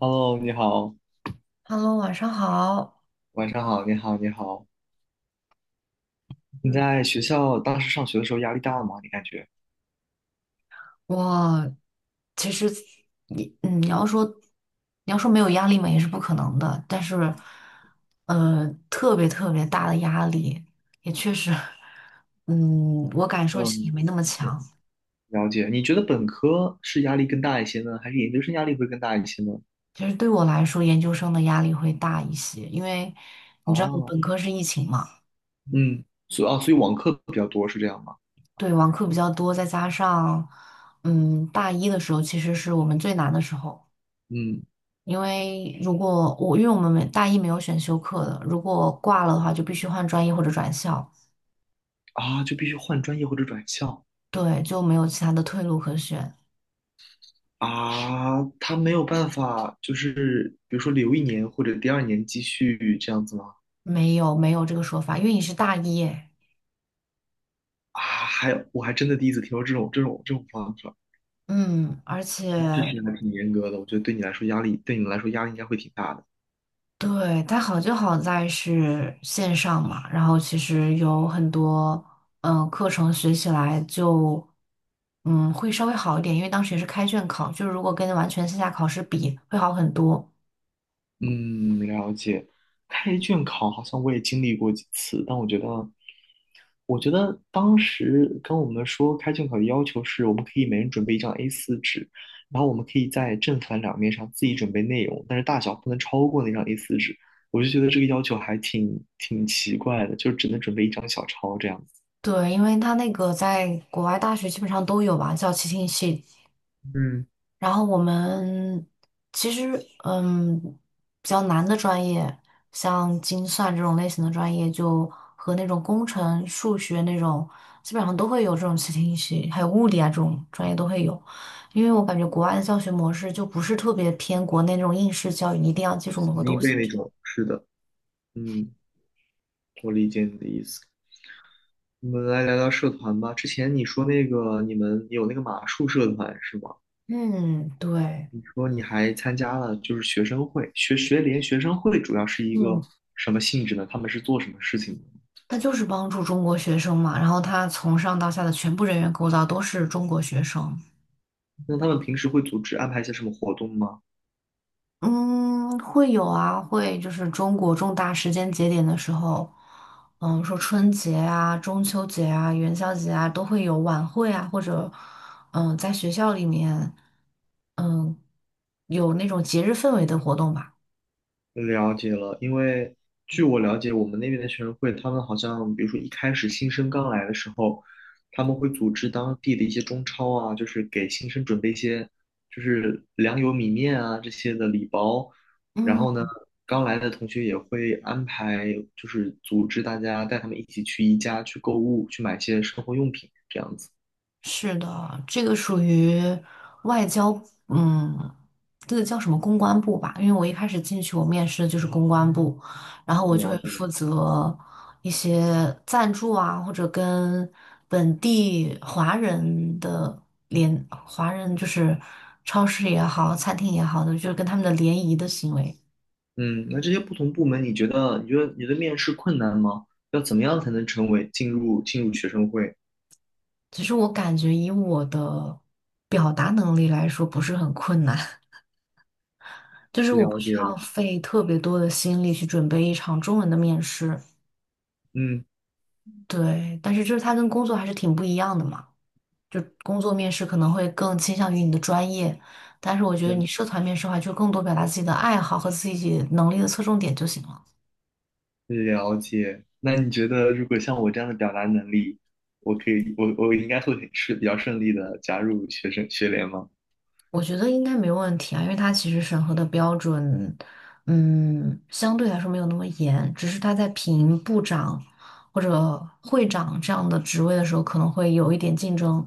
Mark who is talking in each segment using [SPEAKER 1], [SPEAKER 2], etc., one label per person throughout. [SPEAKER 1] Hello，你好，
[SPEAKER 2] Hello，晚上好。
[SPEAKER 1] 晚上好，你好，你好。你在学校当时上学的时候压力大吗？你感觉？
[SPEAKER 2] 我其实你嗯，你要说没有压力嘛，也是不可能的。但是，特别特别大的压力，也确实，我感受也
[SPEAKER 1] 嗯，
[SPEAKER 2] 没那么强。
[SPEAKER 1] 了解。你觉得本科是压力更大一些呢，还是研究生压力会更大一些呢？
[SPEAKER 2] 其实对我来说，研究生的压力会大一些，因为你知道我
[SPEAKER 1] 啊，
[SPEAKER 2] 本科是疫情嘛。
[SPEAKER 1] 嗯，所以啊，所以网课比较多是这样吗？
[SPEAKER 2] 对，网课比较多，再加上大一的时候其实是我们最难的时候。
[SPEAKER 1] 嗯，
[SPEAKER 2] 因为我们没大一没有选修课的，如果挂了的话，就必须换专业或者转校。
[SPEAKER 1] 啊，就必须换专业或者转校。
[SPEAKER 2] 对，就没有其他的退路可选。
[SPEAKER 1] 啊，他没有办法，就是比如说留一年或者第二年继续这样子吗？
[SPEAKER 2] 没有没有这个说法，因为你是大一耶。
[SPEAKER 1] 啊，还有，我还真的第一次听说这种方法。
[SPEAKER 2] 嗯，而
[SPEAKER 1] 这
[SPEAKER 2] 且
[SPEAKER 1] 实还挺严格的，我觉得对你来说压力，对你们来说压力应该会挺大的。
[SPEAKER 2] 对，它好就好在是线上嘛，然后其实有很多课程学起来就会稍微好一点，因为当时也是开卷考，就是如果跟完全线下考试比会好很多。
[SPEAKER 1] 嗯，了解。开卷考好像我也经历过几次，但我觉得当时跟我们说开卷考的要求是，我们可以每人准备一张 A4 纸，然后我们可以在正反两面上自己准备内容，但是大小不能超过那张 A4 纸。我就觉得这个要求还挺奇怪的，就只能准备一张小抄这样子。
[SPEAKER 2] 对，因为他那个在国外大学基本上都有吧，叫 c 听系。
[SPEAKER 1] 嗯，
[SPEAKER 2] 然后我们其实，嗯，比较难的专业，像精算这种类型的专业，就和那种工程、数学那种，基本上都会有这种 c 听系，还有物理啊这种专业都会有。因为我感觉国外的教学模式就不是特别偏国内那种应试教育，你一定要记住
[SPEAKER 1] 死
[SPEAKER 2] 某个
[SPEAKER 1] 记硬
[SPEAKER 2] 东西。
[SPEAKER 1] 背那种。是的，嗯，我理解你的意思。我们来聊聊社团吧。之前你说那个你们有那个马术社团是吗？
[SPEAKER 2] 嗯，对。
[SPEAKER 1] 你说你还参加了就是学生会、学联、学生会，主要是一个
[SPEAKER 2] 嗯。
[SPEAKER 1] 什么性质呢？他们是做什么事情的？
[SPEAKER 2] 他就是帮助中国学生嘛，然后他从上到下的全部人员构造都是中国学生。
[SPEAKER 1] 那他们平时会组织安排一些什么活动吗？
[SPEAKER 2] 嗯，会有啊。会就是中国重大时间节点的时候，说春节啊、中秋节啊、元宵节啊，都会有晚会啊，或者在学校里面，嗯，有那种节日氛围的活动吧。
[SPEAKER 1] 了解了，因为据我了解，我们那边的学生会，他们好像比如说一开始新生刚来的时候，他们会组织当地的一些中超啊，就是给新生准备一些就是粮油米面啊这些的礼包，然后呢，
[SPEAKER 2] 嗯。
[SPEAKER 1] 刚来的同学也会安排就是组织大家带他们一起去宜家去购物，去买一些生活用品这样子。
[SPEAKER 2] 是的，这个属于外交，嗯，这个叫什么公关部吧？因为我一开始进去，我面试的就是公关部，然后我就会
[SPEAKER 1] 了解。
[SPEAKER 2] 负责一些赞助啊，或者跟本地华人的华人就是超市也好，餐厅也好的，就是跟他们的联谊的行为。
[SPEAKER 1] 嗯，那这些不同部门，你觉得你的面试困难吗？要怎么样才能成为进入学生会？
[SPEAKER 2] 其实我感觉以我的表达能力来说，不是很困难。就是我不
[SPEAKER 1] 了
[SPEAKER 2] 需
[SPEAKER 1] 解
[SPEAKER 2] 要
[SPEAKER 1] 了，
[SPEAKER 2] 费特别多的心力去准备一场中文的面试。
[SPEAKER 1] 嗯，
[SPEAKER 2] 对，但是就是它跟工作还是挺不一样的嘛，就工作面试可能会更倾向于你的专业，但是我觉得
[SPEAKER 1] 对，
[SPEAKER 2] 你社团面试的话，就更多表达自己的爱好和自己能力的侧重点就行了。
[SPEAKER 1] 了解。那你觉得，如果像我这样的表达能力，我可以，我应该会是比较顺利的加入学生学联吗？
[SPEAKER 2] 我觉得应该没问题啊，因为它其实审核的标准，相对来说没有那么严，只是它在评部长或者会长这样的职位的时候，可能会有一点竞争。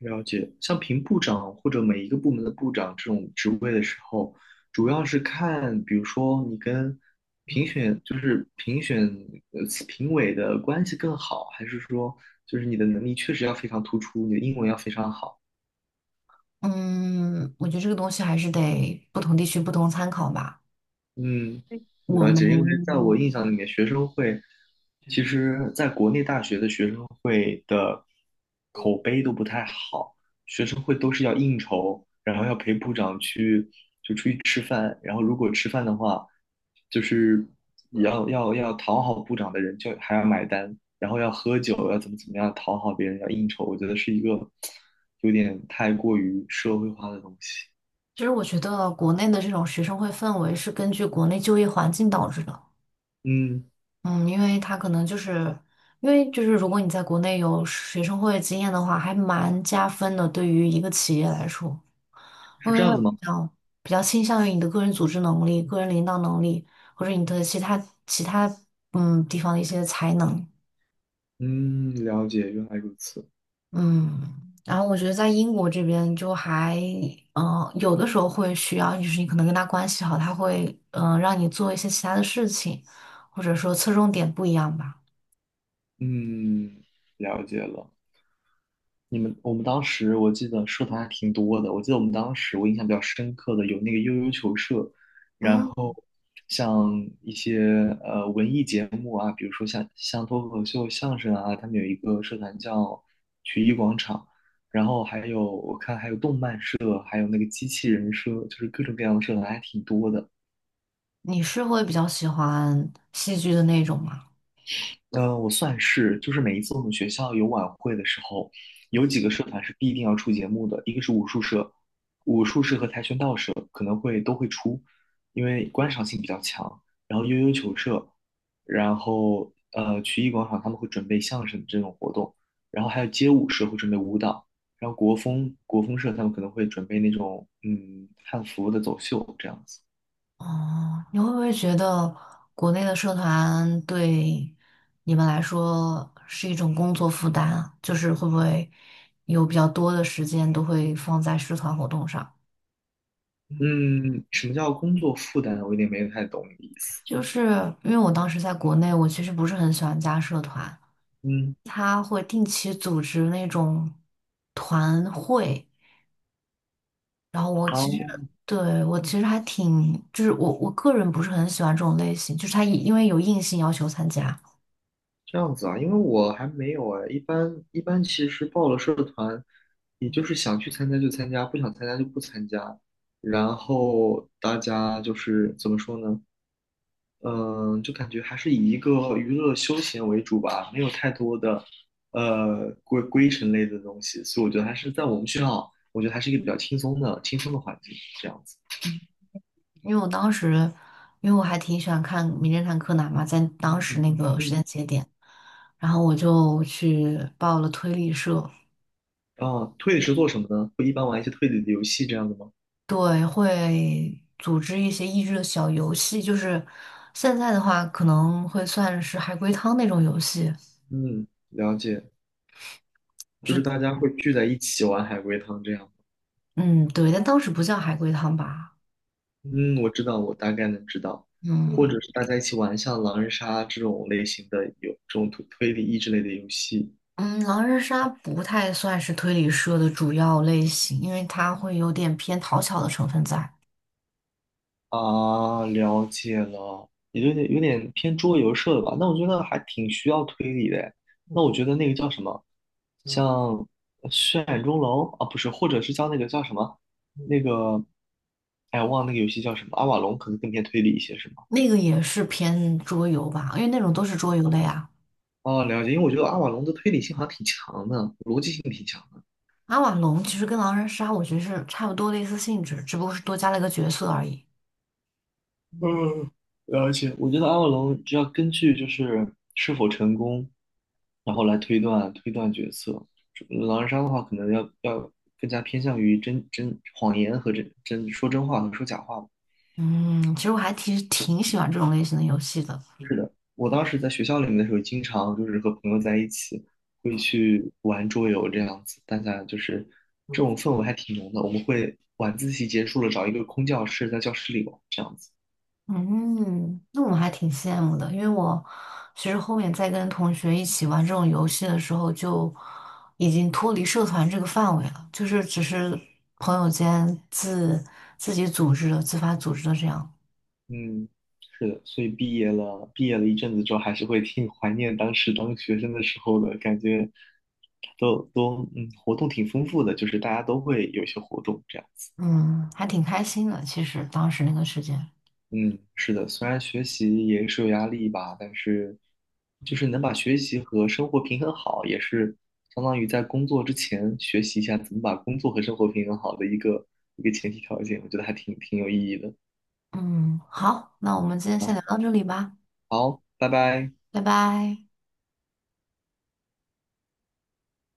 [SPEAKER 1] 了解。像评部长或者每一个部门的部长这种职位的时候，主要是看，比如说你跟评选，就是评选呃评委的关系更好，还是说就是你的能力确实要非常突出，你的英文要非常好。
[SPEAKER 2] 嗯，我觉得这个东西还是得不同地区不同参考吧。
[SPEAKER 1] 嗯，
[SPEAKER 2] 我
[SPEAKER 1] 了解。因为在
[SPEAKER 2] 们
[SPEAKER 1] 我印象里面，学生会其实在国内大学的学生会的口碑都不太好，学生会都是要应酬，然后要陪部长去就出去吃饭，然后如果吃饭的话，就是要讨好部长的人就还要买单，然后要喝酒，要怎么样讨好别人，要应酬，我觉得是一个有点太过于社会化的东西。
[SPEAKER 2] 其实我觉得国内的这种学生会氛围是根据国内就业环境导致的。
[SPEAKER 1] 嗯，
[SPEAKER 2] 嗯，因为就是如果你在国内有学生会经验的话，还蛮加分的，对于一个企业来说，因
[SPEAKER 1] 是这
[SPEAKER 2] 为
[SPEAKER 1] 样
[SPEAKER 2] 会
[SPEAKER 1] 子
[SPEAKER 2] 比
[SPEAKER 1] 吗？
[SPEAKER 2] 较比较倾向于你的个人组织能力、个人领导能力，或者你的其他地方的一些才能。
[SPEAKER 1] 嗯，了解，原来如此。
[SPEAKER 2] 嗯，然后我觉得在英国这边就还，有的时候会需要，就是你可能跟他关系好，他会，让你做一些其他的事情，或者说侧重点不一样吧。
[SPEAKER 1] 嗯，了解了。我们当时我记得社团还挺多的。我记得我们当时我印象比较深刻的有那个悠悠球社，然
[SPEAKER 2] 嗯，
[SPEAKER 1] 后像一些文艺节目啊，比如说像脱口秀、相声啊，他们有一个社团叫曲艺广场。然后还有我看还有动漫社，还有那个机器人社，就是各种各样的社团还挺多的。
[SPEAKER 2] 你是会比较喜欢戏剧的那种吗？
[SPEAKER 1] 嗯，我算是，就是每一次我们学校有晚会的时候，有几个社团是必定要出节目的，一个是武术社，武术社和跆拳道社可能会都会出，因为观赏性比较强。然后悠悠球社，然后曲艺广场他们会准备相声这种活动，然后还有街舞社会准备舞蹈，然后国风社他们可能会准备那种汉服的走秀这样子。
[SPEAKER 2] 哦，你会不会觉得国内的社团对你们来说是一种工作负担啊？就是会不会有比较多的时间都会放在社团活动上？
[SPEAKER 1] 嗯，什么叫工作负担？我有点没太懂你的意思。
[SPEAKER 2] 就是因为我当时在国内，我其实不是很喜欢加社团，
[SPEAKER 1] 嗯。
[SPEAKER 2] 他会定期组织那种团会，然后我其实
[SPEAKER 1] 好。
[SPEAKER 2] 对我其实还挺，就是我个人不是很喜欢这种类型，就是他因为有硬性要求参加。
[SPEAKER 1] 这样子啊，因为我还没有哎，一般其实报了社团，你就是想去参加就参加，不想参加就不参加。然后大家就是怎么说呢？嗯，就感觉还是以一个娱乐休闲为主吧，没有太多的规程类的东西，所以我觉得还是在我们学校，我觉得还是一个比较轻松的环境这样子。
[SPEAKER 2] 因为我当时因为我还挺喜欢看《名侦探柯南》嘛，在当时
[SPEAKER 1] 嗯
[SPEAKER 2] 那个时
[SPEAKER 1] 嗯，
[SPEAKER 2] 间节点，然后我就去报了推理社。
[SPEAKER 1] 啊，推理是做什么呢？会一般玩一些推理的游戏这样的吗？
[SPEAKER 2] 对，会组织一些益智的小游戏，就是现在的话可能会算是海龟汤那种游戏，
[SPEAKER 1] 嗯，了解。就是
[SPEAKER 2] 是
[SPEAKER 1] 大家会聚在一起玩海龟汤这样。
[SPEAKER 2] 嗯对，但当时不叫海龟汤吧。
[SPEAKER 1] 嗯，我知道，我大概能知道，或
[SPEAKER 2] 嗯
[SPEAKER 1] 者是大家一起玩像狼人杀这种类型的有这种推理益智类的游戏。
[SPEAKER 2] 嗯，狼人杀不太算是推理社的主要类型，因为它会有点偏讨巧的成分在。
[SPEAKER 1] 啊，了解了，也有点偏桌游社的吧？那我觉得还挺需要推理的诶。那我觉得那个叫什么，像血染钟楼啊，不是，或者是叫那个叫什么，那个，哎，我忘了那个游戏叫什么，阿瓦隆可能更偏推理一些，是吗？
[SPEAKER 2] 那个也是偏桌游吧，因为那种都是桌游类啊。
[SPEAKER 1] 哦，了解，因为我觉得阿瓦隆的推理性好像挺强的，逻辑性挺强的。
[SPEAKER 2] 阿瓦隆其实跟狼人杀我觉得是差不多类似性质，只不过是多加了一个角色而已。
[SPEAKER 1] 而且我觉得阿瓦隆只要根据就是是否成功，然后来推断推断角色。狼人杀的话，可能要更加偏向于真谎言和真说真话和说假话吧。
[SPEAKER 2] 嗯，其实我还挺喜欢这种类型的游戏的。
[SPEAKER 1] 我当时在学校里面的时候，经常就是和朋友在一起会去玩桌游这样子，大家就是这种氛围还挺浓的。我们会晚自习结束了找一个空教室在教室里玩这样子。
[SPEAKER 2] 嗯，那我还挺羡慕的，因为我其实后面在跟同学一起玩这种游戏的时候，就已经脱离社团这个范围了，就是只是朋友间自己组织的、自发组织的这样。
[SPEAKER 1] 嗯，是的，所以毕业了，一阵子之后，还是会挺怀念当时当学生的时候的感觉。都活动挺丰富的，就是大家都会有一些活动这样子。
[SPEAKER 2] 嗯，还挺开心的。其实当时那个时间，
[SPEAKER 1] 嗯，是的，虽然学习也是有压力吧，但是就是能把学习和生活平衡好，也是相当于在工作之前学习一下怎么把工作和生活平衡好的一个前提条件，我觉得还挺有意义的
[SPEAKER 2] 嗯，好，那我们今天先
[SPEAKER 1] 啊。
[SPEAKER 2] 聊到这里吧，
[SPEAKER 1] 好，拜拜。
[SPEAKER 2] 拜拜。